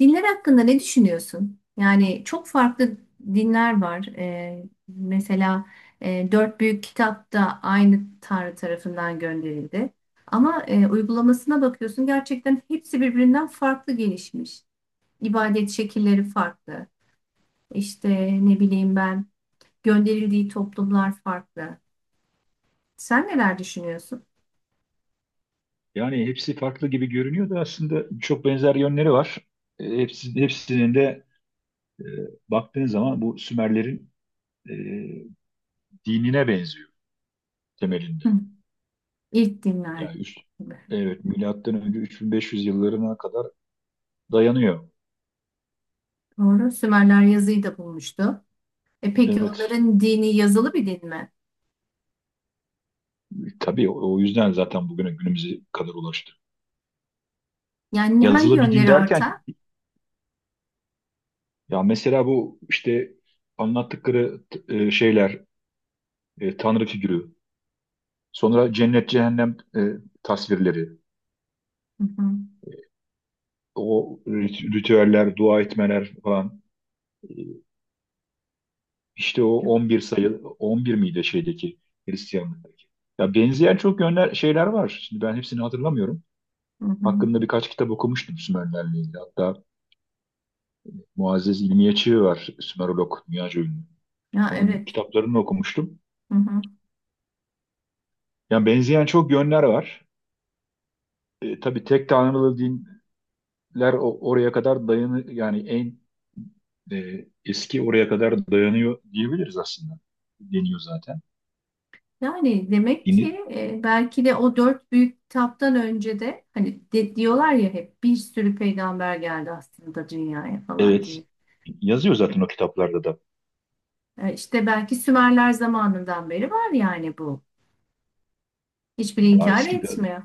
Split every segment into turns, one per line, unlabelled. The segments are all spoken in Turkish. Dinler hakkında ne düşünüyorsun? Yani çok farklı dinler var. Mesela dört büyük kitap da aynı Tanrı tarafından gönderildi. Ama uygulamasına bakıyorsun gerçekten hepsi birbirinden farklı gelişmiş. İbadet şekilleri farklı. İşte ne bileyim ben gönderildiği toplumlar farklı. Sen neler düşünüyorsun?
Yani hepsi farklı gibi görünüyor da aslında çok benzer yönleri var. Hepsinin de e, baktığın zaman bu Sümerlerin e, dinine benziyor temelinde.
Hı. İlk dinler.
Yani
Gibi.
evet, milattan önce 3500 yıllarına kadar dayanıyor.
Doğru. Sümerler yazıyı da bulmuştu. E peki
Evet,
onların dini yazılı bir din mi?
tabii o yüzden zaten bugüne günümüze kadar ulaştı.
Yani hangi
Yazılı bir din
yönleri
derken
ortak?
ya mesela bu işte anlattıkları şeyler, tanrı figürü, sonra cennet cehennem, tasvirleri.
Hı hı.
O ritüeller, dua etmeler falan. E, İşte o 11 sayı, 11 miydi şeydeki Hristiyanlıktaki? Ya benzeyen çok yönler, şeyler var. Şimdi ben hepsini hatırlamıyorum.
Hı hı.
Hakkında birkaç kitap okumuştum Sümerlerle ilgili. Hatta Muazzez İlmiye Çığ var, Sümerolog, dünyaca ünlü.
Ya
Onun
evet.
kitaplarını okumuştum.
Hı hı.
Yani benzeyen çok yönler var. Tabii, tek tanrılı dinler oraya kadar yani en eski oraya kadar dayanıyor diyebiliriz aslında. Deniyor zaten.
Yani demek
Yeni,
ki belki de o dört büyük kitaptan önce de hani diyorlar ya hep bir sürü peygamber geldi aslında dünyaya falan
evet,
diye.
yazıyor zaten o kitaplarda da.
İşte belki Sümerler zamanından beri var yani bu. Hiçbiri
Daha
inkar
eski de,
etmiyor.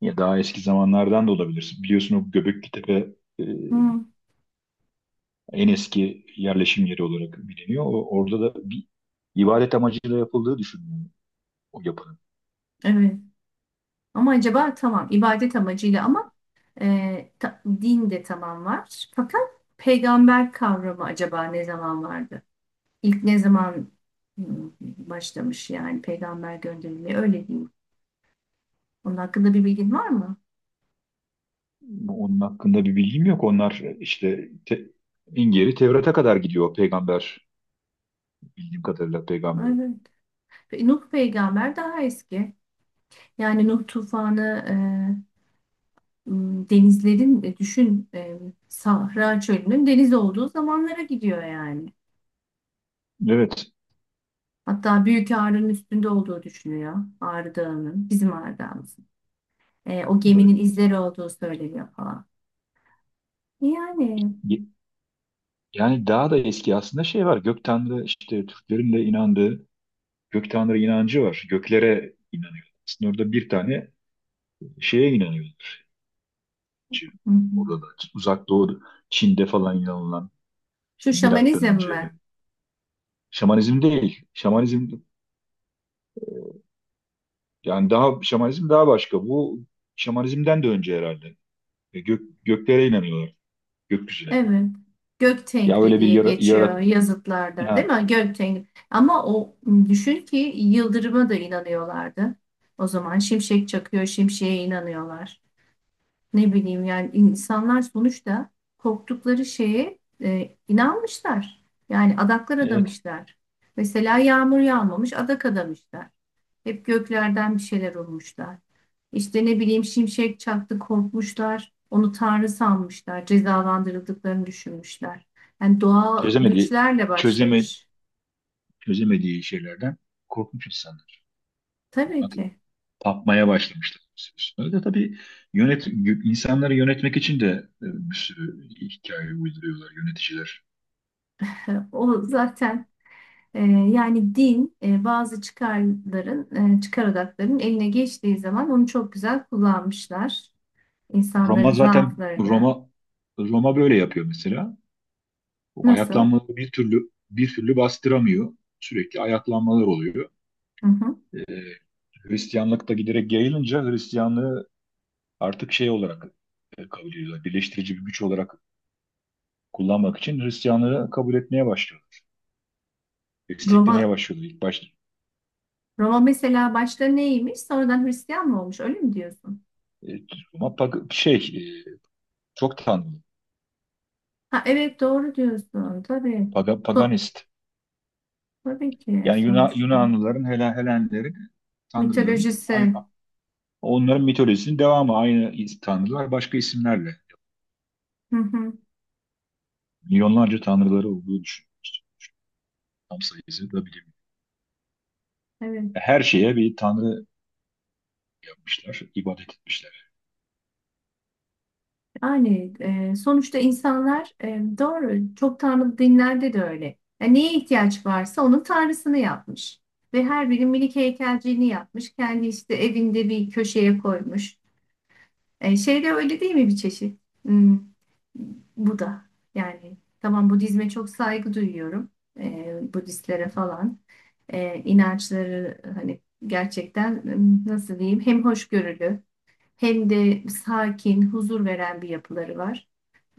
ya daha eski zamanlardan da olabilir. Biliyorsun, o Göbeklitepe, e,
Hı,
en eski yerleşim yeri olarak biliniyor. Orada da bir ibadet amacıyla yapıldığı düşünülüyor, o yapının.
evet. Ama acaba tamam ibadet amacıyla ama din de tamam var. Fakat peygamber kavramı acaba ne zaman vardı? İlk ne zaman başlamış yani peygamber gönderilmeye öyle diyeyim. Onun hakkında bir bilgin var mı?
Onun hakkında bir bilgim yok. Onlar işte en geri Tevrat'a kadar gidiyor peygamber, bildiğim kadarıyla peygamber.
Evet. Nuh peygamber daha eski. Yani Nuh tufanı denizlerin düşün Sahra çölünün deniz olduğu zamanlara gidiyor yani.
Evet.
Hatta Büyük Ağrı'nın üstünde olduğu düşünüyor. Ağrı Dağı'nın bizim Ağrı Dağımızın. O
Evet.
geminin izleri olduğu söyleniyor falan. Yani
Ye- Yani daha da eski aslında şey var. Gök Tanrı, işte Türklerin de inandığı Gök tanrı inancı var. Göklere inanıyorlar. Aslında orada bir tane şeye inanıyorlar.
hı
Orada
hı.
da uzak doğu, Çin'de falan inanılan,
Şu
milattan
şamanizm
önce.
mi?
Şamanizm değil. Şamanizm, yani daha şamanizm daha başka. Bu şamanizmden de önce herhalde. Göklere inanıyorlar. Gökyüzüne.
Evet. Gök
Ya,
Tengri
öyle bir
diye
yarat,
geçiyor yazıtlarda, değil
ha,
mi? Gök Tengri. Ama o düşün ki yıldırıma da inanıyorlardı. O zaman şimşek çakıyor, şimşeğe inanıyorlar. Ne bileyim yani insanlar sonuçta korktukları şeye inanmışlar. Yani adaklar
evet.
adamışlar. Mesela yağmur yağmamış, adak adamışlar. Hep göklerden bir şeyler olmuşlar. İşte ne bileyim şimşek çaktı korkmuşlar. Onu tanrı sanmışlar. Cezalandırıldıklarını düşünmüşler. Yani doğal
Çözemediği
güçlerle
çözeme
başlamış.
çözemediği şeylerden korkmuş insanlar.
Tabii ki.
Tapmaya başlamışlar bir süre sonra da, tabii, yönet insanları yönetmek için de bir sürü hikaye uyduruyorlar yöneticiler.
O zaten yani din bazı çıkarların, çıkar odaklarının eline geçtiği zaman onu çok güzel kullanmışlar.
Roma
İnsanların
zaten,
zaaflarını.
Roma böyle yapıyor mesela. O
Nasıl?
ayaklanmaları bir türlü bir türlü bastıramıyor. Sürekli ayaklanmalar oluyor.
Hı hı.
E, Hristiyanlık da giderek yayılınca, Hristiyanlığı artık şey olarak kabul ediyorlar. Birleştirici bir güç olarak kullanmak için Hristiyanlığı kabul etmeye başlıyorlar. Desteklemeye
Roma,
başlıyorlar ilk başta.
Roma mesela başta neymiş? Sonradan Hristiyan mı olmuş? Öyle mi diyorsun?
E, Roma şey, e, çok tanrı.
Ha, evet doğru diyorsun tabii. So-
Paganist.
tabii ki
Yani
sonuçta.
Yunanlıların, Helenlerin, tanrıların,
Mitolojisi.
onların mitolojisinin devamı. Aynı tanrılar başka isimlerle.
Hı hı,
Milyonlarca tanrıları olduğu düşünüyoruz. Tam sayısı da bilmiyorum.
evet.
Her şeye bir tanrı yapmışlar, ibadet etmişler.
Yani sonuçta insanlar doğru çok tanrı dinlerde de öyle. Yani neye ihtiyaç varsa onun tanrısını yapmış. Ve her biri minik heykelciğini yapmış. Kendi işte evinde bir köşeye koymuş. Şey de öyle değil mi bir çeşit? Bu da yani tamam Budizme çok saygı duyuyorum. Budistlere falan. E, inançları hani gerçekten nasıl diyeyim hem hoşgörülü hem de sakin, huzur veren bir yapıları var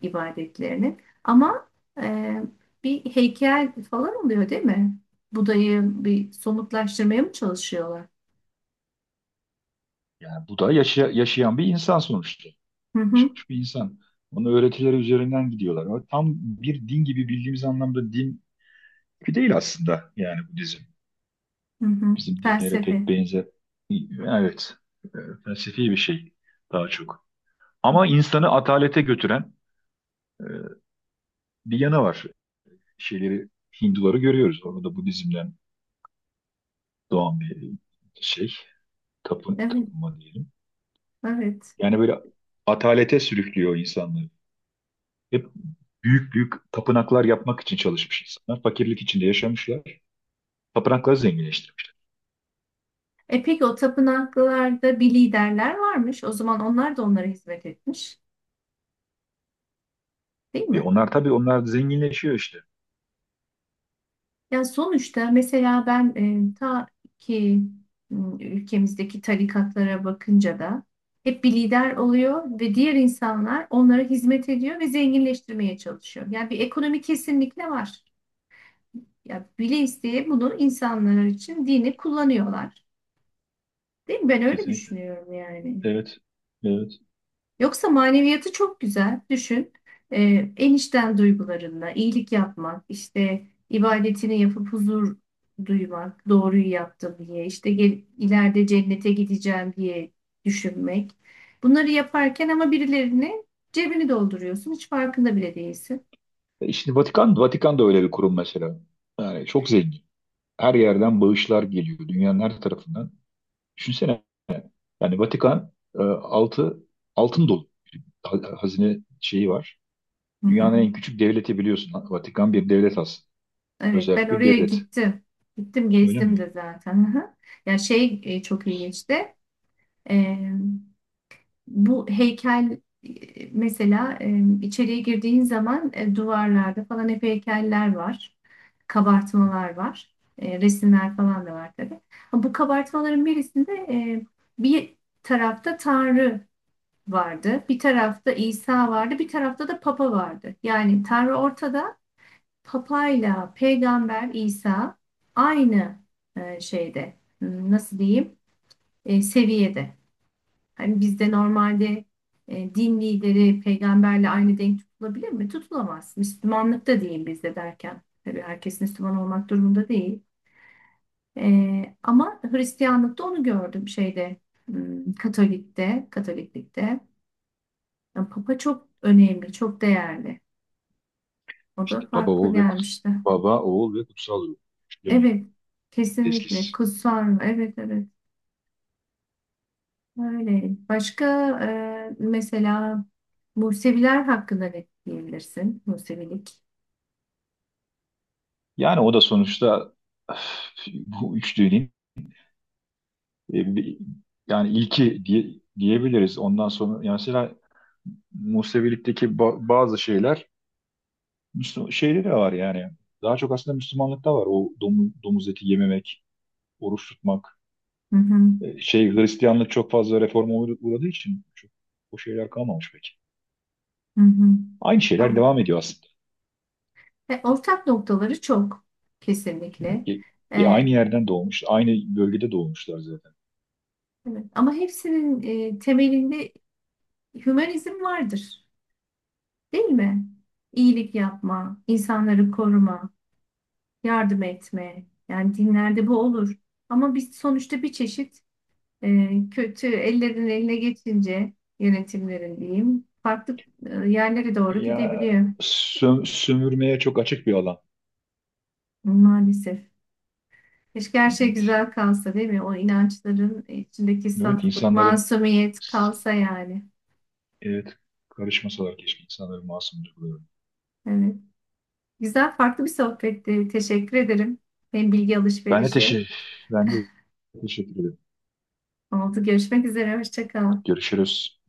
ibadetlerinin. Ama e, bir heykel falan oluyor değil mi? Buda'yı bir somutlaştırmaya mı çalışıyorlar?
Yani bu da yaşayan bir insan sonuçta.
Hı hı,
Yaşamış bir insan. Onun öğretileri üzerinden gidiyorlar. Ama tam bir din gibi, bildiğimiz anlamda din gibi değil aslında, yani bu dizi.
hı hı.
Bizim dinlere
Felsefe.
pek benzer. Evet, e, felsefi bir şey daha çok.
Hı
Ama
hı.
insanı atalete götüren e, bir yanı var. Şeyleri Hinduları görüyoruz. Orada da Budizm'den doğan bir şey.
Evet,
Tapınma diyelim.
evet.
Yani böyle atalete sürüklüyor insanları. Hep büyük büyük tapınaklar yapmak için çalışmış insanlar. Fakirlik içinde yaşamışlar. Tapınakları zenginleştirmiş.
E peki o tapınaklarda bir liderler varmış. O zaman onlar da onlara hizmet etmiş, değil mi?
Onlar, tabii, onlar zenginleşiyor işte.
Ya sonuçta mesela ben ta ki ülkemizdeki tarikatlara bakınca da hep bir lider oluyor ve diğer insanlar onlara hizmet ediyor ve zenginleştirmeye çalışıyor. Yani bir ekonomi kesinlikle var. Ya bile isteye bunu insanlar için dini kullanıyorlar. Değil mi? Ben öyle
Kesinlikle.
düşünüyorum yani.
Evet. Evet.
Yoksa maneviyatı çok güzel. Düşün. En içten duygularınla iyilik yapmak, işte ibadetini yapıp huzur duymak, doğruyu yaptım diye, işte gel, ileride cennete gideceğim diye düşünmek. Bunları yaparken ama birilerine cebini dolduruyorsun. Hiç farkında bile değilsin.
Şimdi Vatikan da öyle bir kurum mesela. Yani çok zengin. Her yerden bağışlar geliyor. Dünyanın her tarafından. Düşünsene, yani Vatikan, altı altın dolu. Hazine şeyi var.
Hı
Dünyanın
hı.
en küçük devleti, biliyorsun. Vatikan bir devlet aslında.
Evet, ben
Özerk bir
oraya
devlet.
gittim. Gittim,
Öyle
gezdim
mi?
de zaten. Hı hı. Ya şey çok ilginçti. Bu heykel mesela içeriye girdiğin zaman duvarlarda falan hep heykeller var. Kabartmalar var. Resimler falan da var tabii. Ha, bu kabartmaların birisinde bir tarafta Tanrı vardı, bir tarafta İsa vardı, bir tarafta da Papa vardı. Yani Tanrı ortada, Papa'yla Peygamber İsa aynı şeyde, nasıl diyeyim, seviyede. Hani bizde normalde din lideri peygamberle aynı denk tutulabilir mi? Tutulamaz. Müslümanlık da değil bizde derken. Tabii herkes Müslüman olmak durumunda değil. Ama Hristiyanlıkta onu gördüm şeyde Katolik'te, Katoliklikte. Yani Papa çok önemli, çok değerli. O da
İşte
farklı gelmişti.
baba oğul ve kutsal ruh. Değil mi?
Evet, kesinlikle.
Teslis.
Kutsal. Evet, evet. Öyle. Başka mesela Museviler hakkında ne diyebilirsin? Musevilik.
Yani o da sonuçta, öf, bu üçlünün, e, bir- yani ilki, diyebiliriz. Ondan sonra yani mesela Musevilik'teki bazı şeyler Müslüman, şeyde de var yani. Daha çok aslında Müslümanlıkta var. O domuz eti yememek, oruç tutmak.
Hı hı,
Hristiyanlık çok fazla reforma uğradığı için çok, o şeyler kalmamış pek.
hı hı.
Aynı şeyler
Ama,
devam ediyor aslında.
ve ortak noktaları çok kesinlikle.
E, aynı
Ee,
yerden doğmuş, aynı bölgede doğmuşlar zaten.
evet. Ama hepsinin temelinde hümanizm vardır, değil mi? İyilik yapma, insanları koruma, yardım etme. Yani dinlerde bu olur. Ama biz sonuçta bir çeşit kötü ellerin eline geçince yönetimlerin diyeyim farklı yerlere doğru
Ya
gidebiliyor
sömürmeye çok açık bir alan.
maalesef. Keşke her şey
Evet.
güzel kalsa değil mi? O inançların içindeki
Evet,
saflık,
insanların,
masumiyet kalsa yani.
evet, karışmasalar keşke insanların masumdur.
Evet. Güzel, farklı bir sohbetti. Teşekkür ederim. Hem bilgi
Ben de
alışverişi
teşekkür, Ben de teşekkür ederim.
oldu. Görüşmek üzere. Hoşça kal.
Görüşürüz.